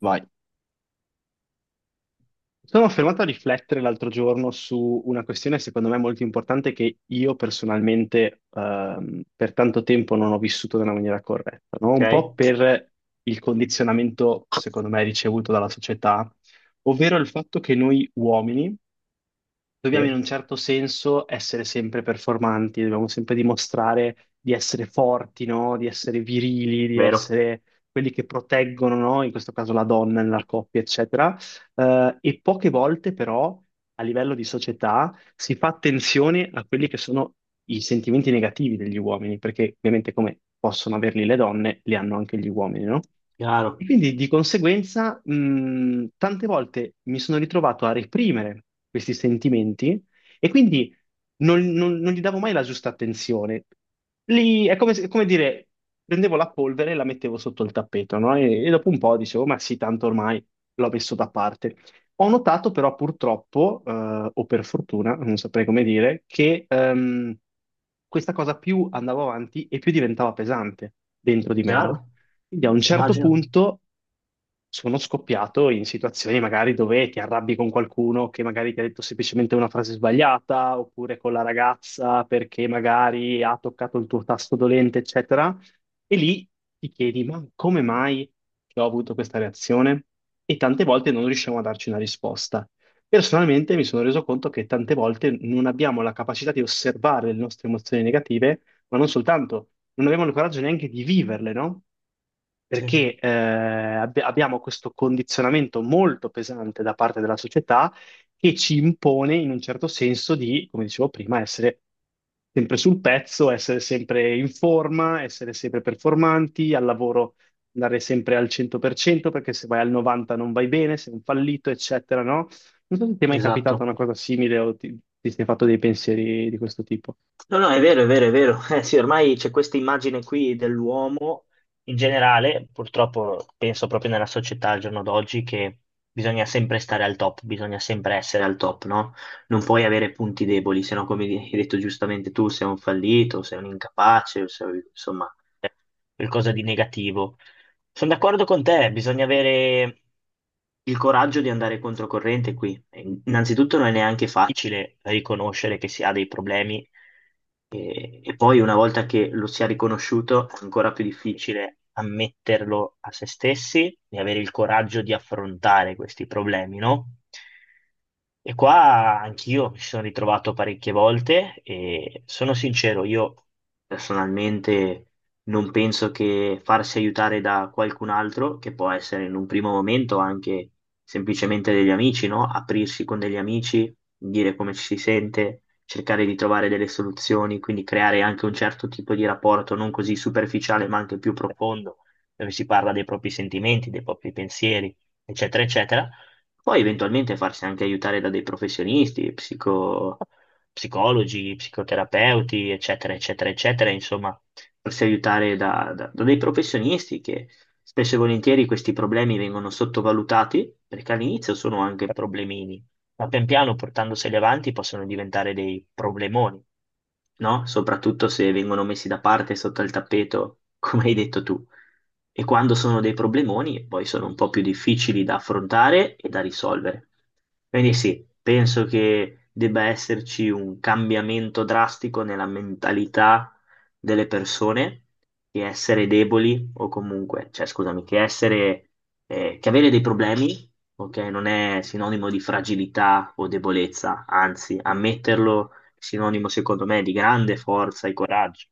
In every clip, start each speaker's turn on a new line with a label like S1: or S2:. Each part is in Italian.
S1: Vai. Sono fermato a riflettere l'altro giorno su una questione secondo me molto importante che io personalmente per tanto tempo non ho vissuto nella maniera corretta, no?
S2: Ok?
S1: Un po' per il condizionamento secondo me ricevuto dalla società, ovvero il fatto che noi uomini dobbiamo in
S2: Sì,
S1: un certo senso essere sempre performanti, dobbiamo sempre dimostrare di essere forti, no? Di essere virili, di
S2: vero,
S1: essere quelli che proteggono, no? In questo caso la donna nella coppia, eccetera. E poche volte però a livello di società si fa attenzione a quelli che sono i sentimenti negativi degli uomini, perché ovviamente come possono averli le donne, li hanno anche gli uomini, no?
S2: chiaro,
S1: E quindi di conseguenza, tante volte mi sono ritrovato a reprimere questi sentimenti e quindi non gli davo mai la giusta attenzione. Lì è come, come dire, prendevo la polvere e la mettevo sotto il tappeto, no? E dopo un po' dicevo, ma sì, tanto ormai l'ho messo da parte. Ho notato però purtroppo, o per fortuna, non saprei come dire, che questa cosa più andava avanti e più diventava pesante dentro di me, no?
S2: chiaro,
S1: Quindi a un certo
S2: immagino.
S1: punto sono scoppiato in situazioni magari dove ti arrabbi con qualcuno che magari ti ha detto semplicemente una frase sbagliata, oppure con la ragazza perché magari ha toccato il tuo tasto dolente, eccetera. E lì ti chiedi, ma come mai che ho avuto questa reazione? E tante volte non riusciamo a darci una risposta. Personalmente mi sono reso conto che tante volte non abbiamo la capacità di osservare le nostre emozioni negative, ma non soltanto, non abbiamo il coraggio neanche di viverle, no?
S2: Sì,
S1: Perché abbiamo questo condizionamento molto pesante da parte della società che ci impone in un certo senso di, come dicevo prima, essere sempre sul pezzo, essere sempre in forma, essere sempre performanti, al lavoro andare sempre al 100% perché se vai al 90 non vai bene, sei un fallito, eccetera, no? Non so se ti è mai capitata
S2: esatto.
S1: una cosa simile o ti sei fatto dei pensieri di questo tipo.
S2: No, no, è vero, è vero, è vero. Eh sì, ormai c'è questa immagine qui dell'uomo in generale, purtroppo penso proprio nella società al giorno d'oggi che bisogna sempre stare al top, bisogna sempre essere al top, no? Non puoi avere punti deboli, se no, come hai detto giustamente tu, sei un fallito, sei un incapace, o sei, insomma, qualcosa di negativo. Sono d'accordo con te, bisogna avere il coraggio di andare controcorrente qui. Innanzitutto non è neanche facile riconoscere che si ha dei problemi e poi una volta che lo si è riconosciuto è ancora più difficile ammetterlo a se stessi e avere il coraggio di affrontare questi problemi, no? E qua anch'io mi sono ritrovato parecchie volte e sono sincero, io personalmente non penso che farsi aiutare da qualcun altro, che può essere in un primo momento anche semplicemente degli amici, no? Aprirsi con degli amici, dire come ci si sente, cercare di trovare delle soluzioni, quindi creare anche un certo tipo di rapporto non così superficiale, ma anche più profondo, dove si parla dei propri sentimenti, dei propri pensieri, eccetera, eccetera. Poi eventualmente farsi anche aiutare da dei professionisti, psicologi, psicoterapeuti, eccetera, eccetera, eccetera, insomma farsi aiutare da dei professionisti che spesso e volentieri questi problemi vengono sottovalutati perché all'inizio sono anche problemini, ma pian piano portandoseli avanti possono diventare dei problemoni, no? Soprattutto se vengono messi da parte sotto il tappeto, come hai detto tu. E quando sono dei problemoni, poi sono un po' più difficili da affrontare e da risolvere. Quindi sì, penso che debba esserci un cambiamento drastico nella mentalità delle persone che essere deboli o comunque, cioè scusami, che essere, che avere dei problemi, ok, non è sinonimo di fragilità o debolezza, anzi, ammetterlo è sinonimo secondo me di grande forza e coraggio.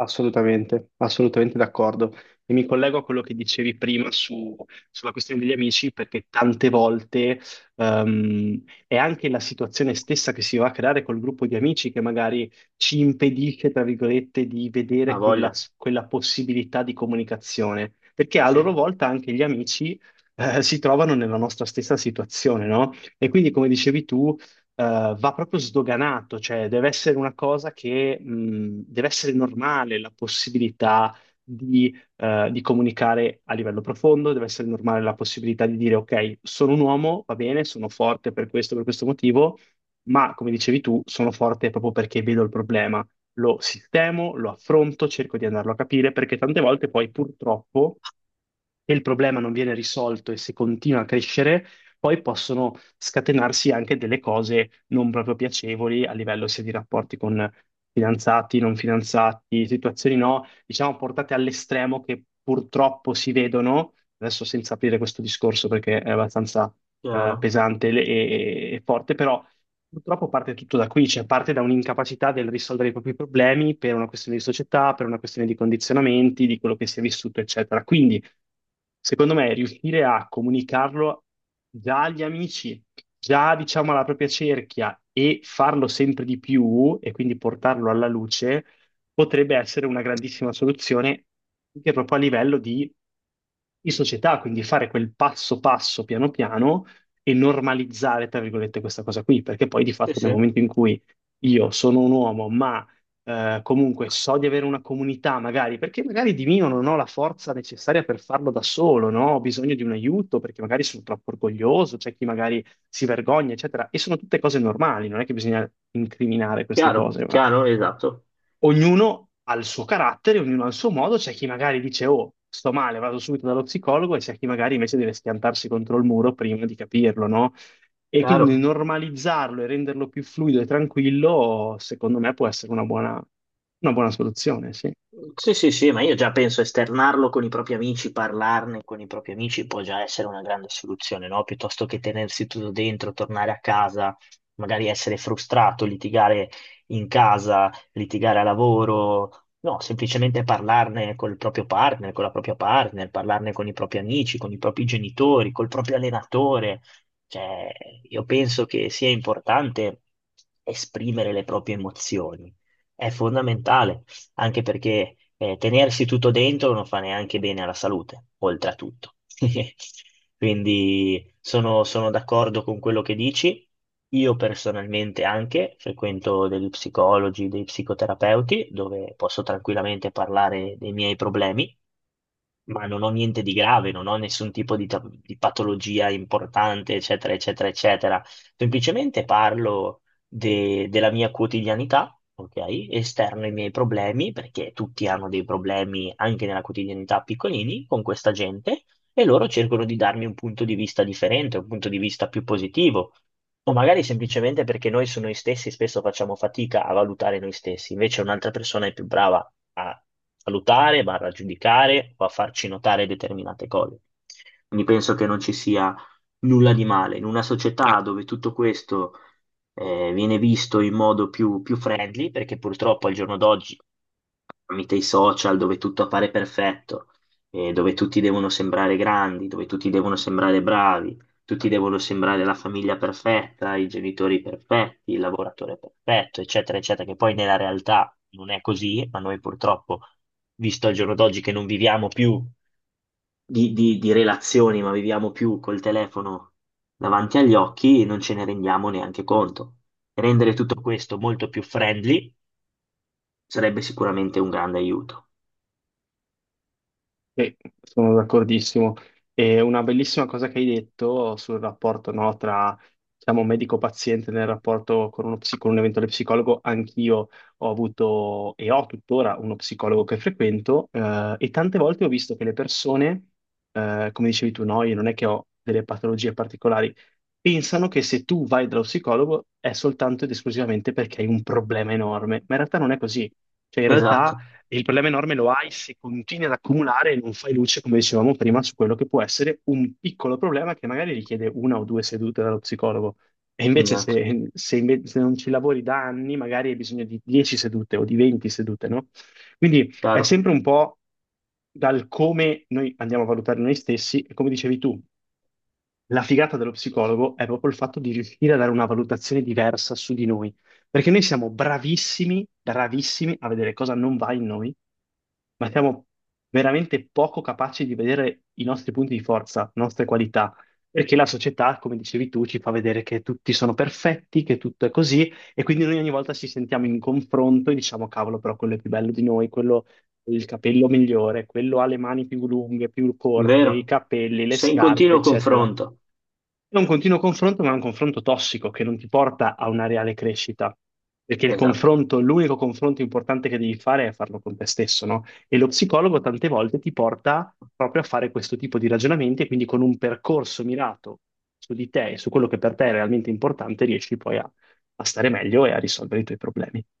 S1: Assolutamente, assolutamente d'accordo. E mi collego a quello che dicevi prima sulla questione degli amici, perché tante volte è anche la situazione stessa che si va a creare col gruppo di amici che magari ci impedisce, tra virgolette, di
S2: Ha
S1: vedere
S2: voglia?
S1: quella possibilità di comunicazione, perché a
S2: Sì,
S1: loro volta anche gli amici si trovano nella nostra stessa situazione, no? E quindi, come dicevi tu, va proprio sdoganato, cioè deve essere una cosa che deve essere normale la possibilità di comunicare a livello profondo, deve essere normale la possibilità di dire ok, sono un uomo, va bene, sono forte per questo motivo, ma come dicevi tu, sono forte proprio perché vedo il problema. Lo sistemo, lo affronto, cerco di andarlo a capire, perché tante volte poi purtroppo se il problema non viene risolto e se continua a crescere, poi possono scatenarsi anche delle cose non proprio piacevoli a livello sia di rapporti con fidanzati, non fidanzati, situazioni no, diciamo portate all'estremo che purtroppo si vedono, adesso senza aprire questo discorso perché è abbastanza
S2: chiaro.
S1: pesante e forte, però purtroppo parte tutto da qui, cioè parte da un'incapacità del risolvere i propri problemi per una questione di società, per una questione di condizionamenti, di quello che si è vissuto, eccetera. Quindi secondo me, riuscire a comunicarlo già agli amici, già diciamo alla propria cerchia e farlo sempre di più e quindi portarlo alla luce potrebbe essere una grandissima soluzione anche proprio a livello di società, quindi fare quel passo passo piano piano e normalizzare, tra virgolette, questa cosa qui, perché poi di
S2: Sì,
S1: fatto nel
S2: sì,
S1: momento in cui io sono un uomo, ma comunque so di avere una comunità, magari, perché magari di mio non ho la forza necessaria per farlo da solo, no? Ho bisogno di un aiuto perché magari sono troppo orgoglioso, c'è chi magari si vergogna, eccetera. E sono tutte cose normali, non è che bisogna incriminare queste
S2: chiaro,
S1: cose,
S2: chiaro, esatto,
S1: ognuno ha il suo carattere, ognuno ha il suo modo, c'è chi magari dice, oh, sto male, vado subito dallo psicologo, e c'è chi magari invece deve schiantarsi contro il muro prima di capirlo, no? E quindi
S2: chiaro.
S1: normalizzarlo e renderlo più fluido e tranquillo, secondo me, può essere una buona soluzione, sì.
S2: Sì, sì, sì, ma io già penso esternarlo con i propri amici, parlarne con i propri amici può già essere una grande soluzione, no? Piuttosto che tenersi tutto dentro, tornare a casa, magari essere frustrato, litigare in casa, litigare a lavoro. No, semplicemente parlarne col proprio partner, con la propria partner, parlarne con i propri amici, con i propri genitori, col proprio allenatore. Cioè, io penso che sia importante esprimere le proprie emozioni. È fondamentale anche perché tenersi tutto dentro non fa neanche bene alla salute, oltre a tutto. Quindi sono d'accordo con quello che dici. Io personalmente anche frequento degli psicologi, dei psicoterapeuti, dove posso tranquillamente parlare dei miei problemi ma non ho niente di grave, non ho nessun tipo di, di patologia importante, eccetera, eccetera, eccetera. Semplicemente parlo della mia quotidianità, ok? Esterno ai miei problemi, perché tutti hanno dei problemi anche nella quotidianità piccolini con questa gente, e loro cercano di darmi un punto di vista differente, un punto di vista più positivo. O magari semplicemente perché noi su noi stessi spesso facciamo fatica a valutare noi stessi, invece un'altra persona è più brava a valutare, va a giudicare o a farci notare determinate cose. Quindi penso che non ci sia nulla di male. In una società dove tutto questo viene visto in modo più friendly, perché purtroppo al giorno d'oggi tramite i social dove tutto appare perfetto, dove tutti devono sembrare grandi, dove tutti devono sembrare bravi, tutti devono sembrare la famiglia perfetta, i genitori perfetti, il lavoratore perfetto, eccetera, eccetera, che poi nella realtà non è così, ma noi purtroppo, visto al giorno d'oggi che non viviamo più di, di relazioni, ma viviamo più col telefono davanti agli occhi, non ce ne rendiamo neanche conto. Rendere tutto questo molto più friendly sarebbe sicuramente un grande aiuto.
S1: Sì, sono d'accordissimo. E una bellissima cosa che hai detto sul rapporto, no, tra, diciamo, medico-paziente nel rapporto con uno con un eventuale psicologo, anch'io ho avuto e ho tuttora uno psicologo che frequento, e tante volte ho visto che le persone, come dicevi tu, no, io non è che ho delle patologie particolari, pensano che se tu vai dallo psicologo è soltanto ed esclusivamente perché hai un problema enorme, ma in realtà non è così. Cioè, in realtà
S2: Esatto,
S1: e il problema enorme lo hai se continui ad accumulare e non fai luce, come dicevamo prima, su quello che può essere un piccolo problema che magari richiede una o due sedute dallo psicologo. E invece
S2: esatto,
S1: se non ci lavori da anni, magari hai bisogno di 10 sedute o di 20 sedute, no? Quindi è
S2: chiaro,
S1: sempre un po' dal come noi andiamo a valutare noi stessi e come dicevi tu, la figata dello psicologo è proprio il fatto di riuscire a dare una valutazione diversa su di noi, perché noi siamo bravissimi, bravissimi a vedere cosa non va in noi, ma siamo veramente poco capaci di vedere i nostri punti di forza, le nostre qualità, perché la società, come dicevi tu, ci fa vedere che tutti sono perfetti, che tutto è così, e quindi noi ogni volta ci sentiamo in confronto e diciamo, cavolo, però quello è più bello di noi, quello ha il capello migliore, quello ha le mani più lunghe, più corte, i
S2: vero?
S1: capelli, le
S2: Sei in
S1: scarpe,
S2: continuo
S1: eccetera.
S2: confronto,
S1: È un continuo confronto, ma è un confronto tossico che non ti porta a una reale crescita. Perché il
S2: esatto.
S1: confronto, l'unico confronto importante che devi fare è farlo con te stesso, no? E lo psicologo tante volte ti porta proprio a fare questo tipo di ragionamenti e quindi con un percorso mirato su di te e su quello che per te è realmente importante, riesci poi a, a stare meglio e a risolvere i tuoi problemi.